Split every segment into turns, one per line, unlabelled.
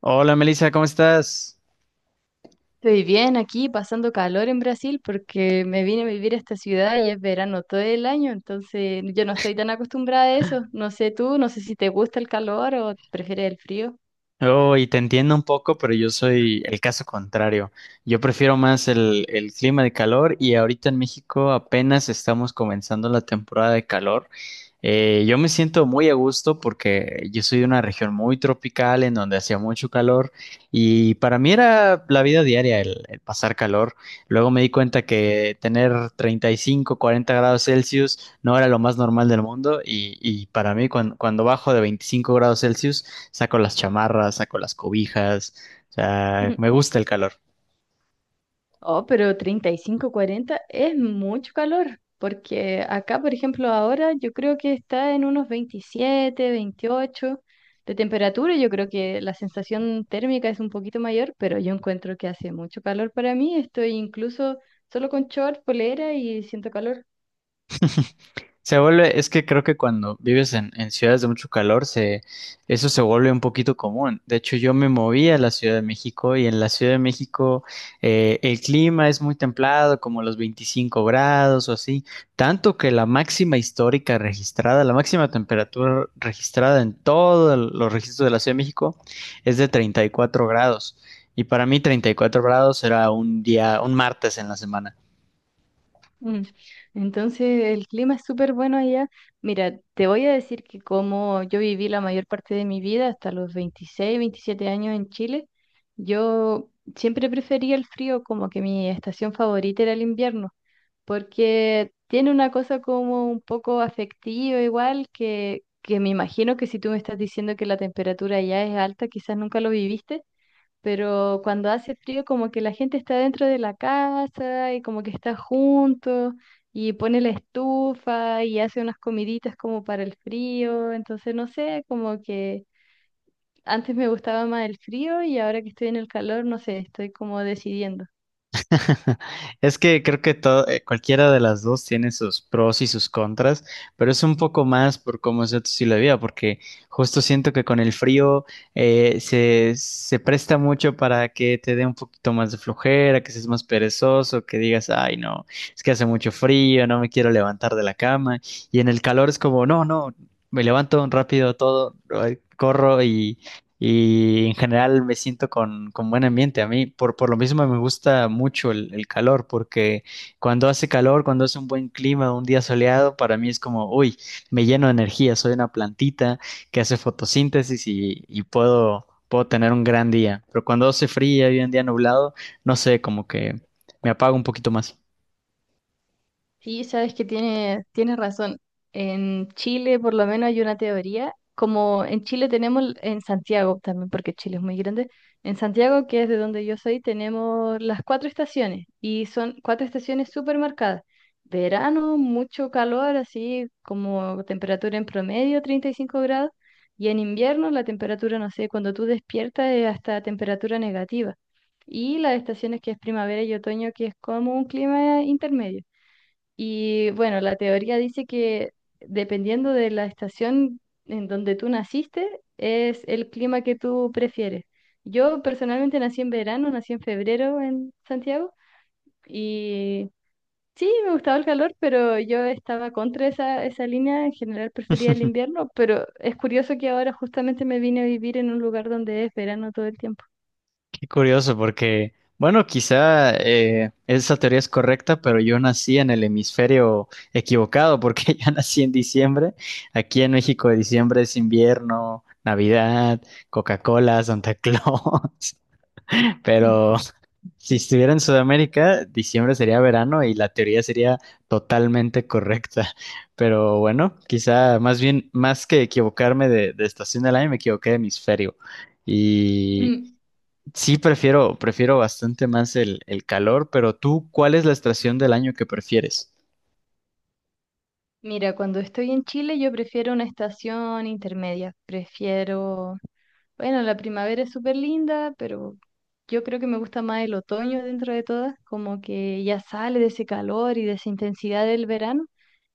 Hola Melissa, ¿cómo estás?
Estoy bien aquí, pasando calor en Brasil porque me vine a vivir a esta ciudad y es verano todo el año, entonces yo no estoy tan acostumbrada a eso. No sé tú, no sé si te gusta el calor o prefieres el frío.
Oh, y te entiendo un poco, pero yo soy el caso contrario. Yo prefiero más el clima de calor y ahorita en México apenas estamos comenzando la temporada de calor. Yo me siento muy a gusto porque yo soy de una región muy tropical en donde hacía mucho calor y para mí era la vida diaria el pasar calor. Luego me di cuenta que tener 35, 40 grados Celsius no era lo más normal del mundo y, y para mí cuando bajo de 25 grados Celsius saco las chamarras, saco las cobijas, o sea, me gusta el calor.
Oh, pero 35, 40, es mucho calor, porque acá, por ejemplo, ahora yo creo que está en unos 27, 28 de temperatura. Yo creo que la sensación térmica es un poquito mayor, pero yo encuentro que hace mucho calor para mí. Estoy incluso solo con short, polera y siento calor.
Es que creo que cuando vives en ciudades de mucho calor, eso se vuelve un poquito común. De hecho, yo me moví a la Ciudad de México y en la Ciudad de México el clima es muy templado, como los 25 grados o así, tanto que la máxima histórica registrada, la máxima temperatura registrada en todos los registros de la Ciudad de México es de 34 grados. Y para mí 34 grados era un día, un martes en la semana.
Mm, Entonces el clima es súper bueno allá. Mira, te voy a decir que como yo viví la mayor parte de mi vida, hasta los 26, 27 años en Chile, yo siempre prefería el frío, como que mi estación favorita era el invierno, porque tiene una cosa como un poco afectiva igual, que me imagino que si tú me estás diciendo que la temperatura allá es alta, quizás nunca lo viviste, pero cuando hace frío como que la gente está dentro de la casa y como que está junto y pone la estufa y hace unas comiditas como para el frío, entonces no sé, como que antes me gustaba más el frío y ahora que estoy en el calor, no sé, estoy como decidiendo.
Es que creo que todo, cualquiera de las dos tiene sus pros y sus contras, pero es un poco más por cómo es tu estilo de vida, porque justo siento que con el frío se presta mucho para que te dé un poquito más de flojera, que seas más perezoso, que digas, ay, no, es que hace mucho frío, no me quiero levantar de la cama, y en el calor es como, no, no, me levanto rápido todo, ay, corro y en general me siento con buen ambiente. A mí, por lo mismo, me gusta mucho el calor, porque cuando hace calor, cuando hace un buen clima, un día soleado, para mí es como, uy, me lleno de energía, soy una plantita que hace fotosíntesis y, puedo tener un gran día. Pero cuando hace frío y un día nublado, no sé, como que me apago un poquito más.
Sí, sabes que tienes razón. En Chile, por lo menos, hay una teoría, como en Chile tenemos, en Santiago también, porque Chile es muy grande, en Santiago, que es de donde yo soy, tenemos las cuatro estaciones y son cuatro estaciones súper marcadas. Verano, mucho calor, así como temperatura en promedio, 35 grados, y en invierno la temperatura, no sé, cuando tú despiertas es hasta temperatura negativa. Y las estaciones que es primavera y otoño, que es como un clima intermedio. Y bueno, la teoría dice que dependiendo de la estación en donde tú naciste, es el clima que tú prefieres. Yo personalmente nací en verano, nací en febrero en Santiago y sí, me gustaba el calor, pero yo estaba contra esa línea, en general prefería el invierno, pero es curioso que ahora justamente me vine a vivir en un lugar donde es verano todo el tiempo.
Qué curioso, porque, bueno, quizá esa teoría es correcta, pero yo nací en el hemisferio equivocado, porque yo nací en diciembre. Aquí en México, diciembre es invierno, Navidad, Coca-Cola, Santa Claus. Pero si estuviera en Sudamérica, diciembre sería verano y la teoría sería totalmente correcta. Pero bueno, quizá más bien, más que equivocarme de estación del año, me equivoqué de hemisferio. Y.
Mm.
Sí, prefiero bastante más el calor, pero tú, ¿cuál es la estación del año que prefieres?
Mira, cuando estoy en Chile yo prefiero una estación intermedia, prefiero. Bueno, la primavera es súper linda, pero yo creo que me gusta más el otoño dentro de todas, como que ya sale de ese calor y de esa intensidad del verano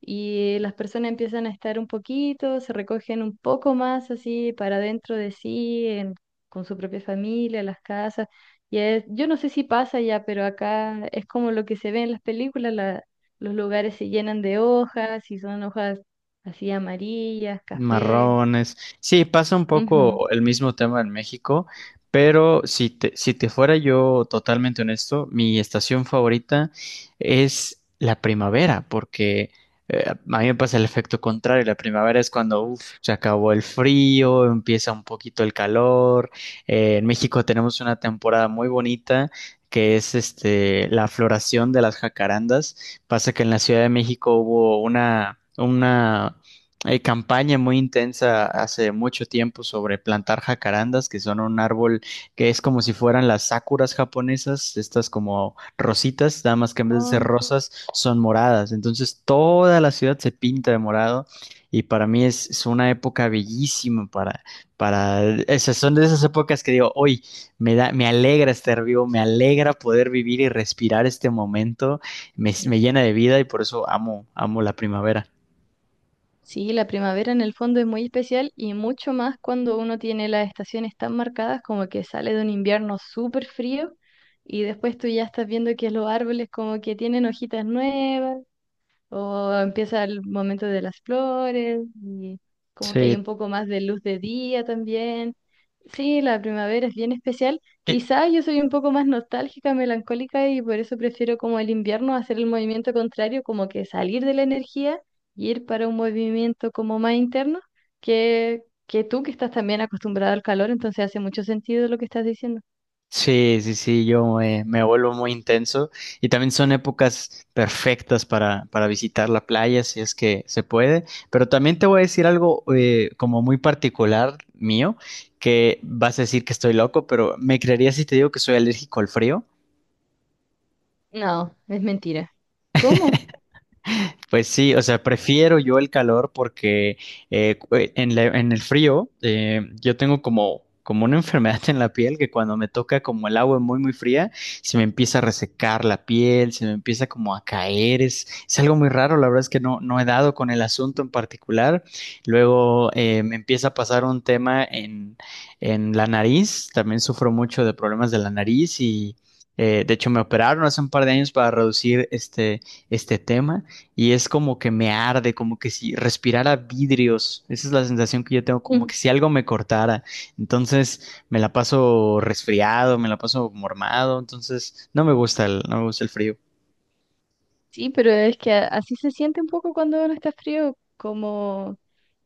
y las personas empiezan a estar un poquito, se recogen un poco más así para dentro de sí, con su propia familia, las casas. Yo no sé si pasa ya, pero acá es como lo que se ve en las películas, los lugares se llenan de hojas y son hojas así amarillas, café.
Marrones. Sí, pasa un
Ujú.
poco el mismo tema en México, pero si te fuera yo totalmente honesto, mi estación favorita es la primavera, porque a mí me pasa el efecto contrario. La primavera es cuando uf, se acabó el frío, empieza un poquito el calor. En México tenemos una temporada muy bonita. Que es este la floración de las jacarandas. Pasa que en la Ciudad de México hubo una hay campaña muy intensa hace mucho tiempo sobre plantar jacarandas, que son un árbol que es como si fueran las sakuras japonesas, estas como rositas, nada más que en vez de ser rosas son moradas. Entonces toda la ciudad se pinta de morado y para mí es una época bellísima para, esas son de esas épocas que digo, hoy me alegra estar vivo, me alegra poder vivir y respirar este momento,
Oh.
me llena de vida y por eso amo la primavera.
Sí, la primavera en el fondo es muy especial y mucho más cuando uno tiene las estaciones tan marcadas como que sale de un invierno súper frío y después tú ya estás viendo que los árboles como que tienen hojitas nuevas o empieza el momento de las flores y como que hay
Sí,
un poco más de luz de día también. Sí, la primavera es bien especial. Quizá yo soy un poco más nostálgica, melancólica y por eso prefiero como el invierno hacer el movimiento contrario, como que salir de la energía y ir para un movimiento como más interno que tú que estás también acostumbrada al calor, entonces hace mucho sentido lo que estás diciendo.
sí, yo vuelvo muy intenso y también son épocas perfectas para visitar la playa si es que se puede, pero también te voy a decir algo como muy particular mío, que vas a decir que estoy loco, pero ¿me creerías si te digo que soy alérgico al frío?
No, es mentira. ¿Cómo?
Pues sí, o sea, prefiero yo el calor porque en el frío yo tengo como, como una enfermedad en la piel que cuando me toca como el agua muy, muy fría, se me empieza a resecar la piel, se me empieza como a caer, es algo muy raro, la verdad es que no, no he dado con el asunto en particular. Luego me empieza a pasar un tema en la nariz, también sufro mucho de problemas de la nariz y... de hecho, me operaron hace un par de años para reducir este tema y es como que me arde, como que si respirara vidrios. Esa es la sensación que yo tengo, como que si algo me cortara. Entonces me la paso resfriado, me la paso mormado, entonces no me gusta no me gusta el frío.
Sí, pero es que así se siente un poco cuando uno está frío, como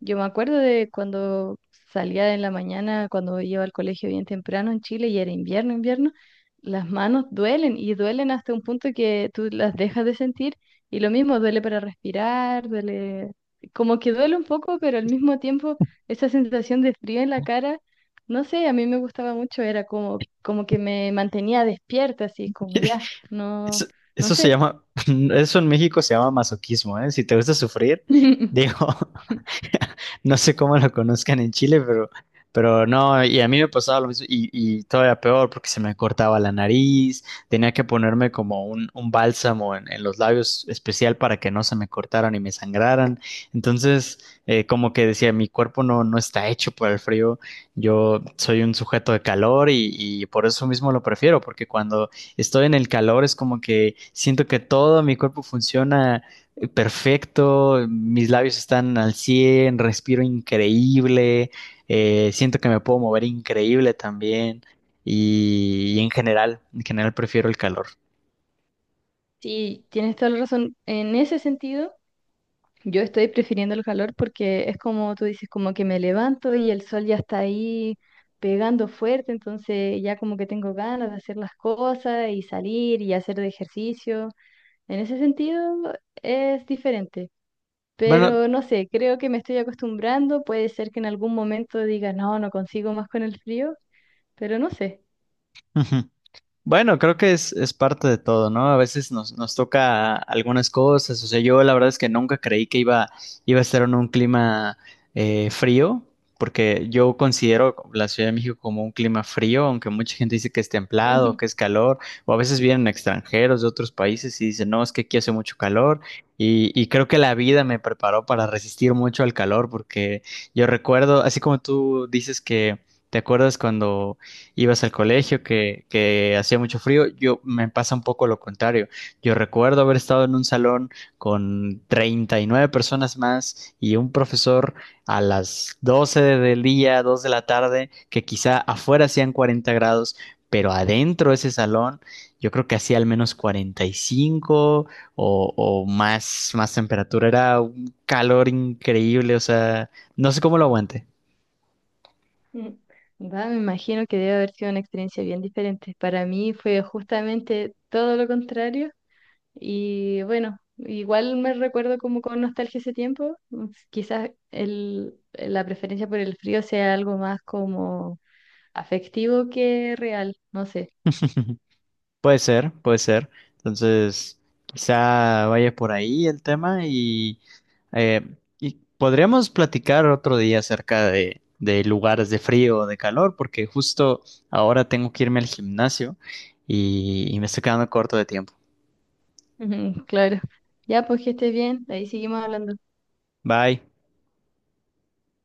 yo me acuerdo de cuando salía en la mañana, cuando iba al colegio bien temprano en Chile y era invierno, invierno, las manos duelen y duelen hasta un punto que tú las dejas de sentir y lo mismo duele para respirar, duele, como que duele un poco, pero al mismo tiempo esa sensación de frío en la cara, no sé, a mí me gustaba mucho, era como, como que me mantenía despierta, así como ya,
Eso,
no, no
eso se
sé.
llama, eso en México se llama masoquismo, ¿eh? Si te gusta sufrir, digo, no sé cómo lo conozcan en Chile, pero no, y a mí me pasaba lo mismo y todavía peor porque se me cortaba la nariz, tenía que ponerme como un bálsamo en los labios especial para que no se me cortaran y me sangraran. Entonces, como que decía, mi cuerpo no, no está hecho para el frío, yo soy un sujeto de calor y por eso mismo lo prefiero, porque cuando estoy en el calor es como que siento que todo mi cuerpo funciona perfecto, mis labios están al 100, respiro increíble, siento que me puedo mover increíble también y en general prefiero el calor.
Sí, tienes toda la razón. En ese sentido, yo estoy prefiriendo el calor porque es como tú dices, como que me levanto y el sol ya está ahí pegando fuerte, entonces ya como que tengo ganas de hacer las cosas y salir y hacer de ejercicio. En ese sentido es diferente,
Bueno,
pero no sé, creo que me estoy acostumbrando. Puede ser que en algún momento diga, no, no consigo más con el frío, pero no sé.
bueno, creo que es parte de todo, ¿no? A veces nos toca algunas cosas. O sea, yo la verdad es que nunca creí que iba a estar en un clima frío, porque yo considero la Ciudad de México como un clima frío, aunque mucha gente dice que es templado, que es calor, o a veces vienen extranjeros de otros países y dicen, no, es que aquí hace mucho calor. Y creo que la vida me preparó para resistir mucho al calor, porque yo recuerdo, así como tú dices que te acuerdas cuando ibas al colegio, que hacía mucho frío. Yo me pasa un poco lo contrario. Yo recuerdo haber estado en un salón con 39 personas más y un profesor a las 12 del día, 2 de la tarde, que quizá afuera hacían 40 grados, pero adentro de ese salón yo creo que hacía al menos 45 o más temperatura. Era un calor increíble, o sea, no sé cómo lo aguante.
Mm. Va, me imagino que debe haber sido una experiencia bien diferente. Para mí fue justamente todo lo contrario y bueno, igual me recuerdo como con nostalgia ese tiempo. Quizás el, la preferencia por el frío sea algo más como afectivo que real, no sé.
Puede ser, puede ser. Entonces, quizá vaya por ahí el tema eh, y podríamos platicar otro día acerca de lugares de frío o de calor, porque justo ahora tengo que irme al gimnasio y me estoy quedando corto de tiempo.
Ujú. Claro. Ya, pues que estés bien, ahí seguimos hablando.
Bye.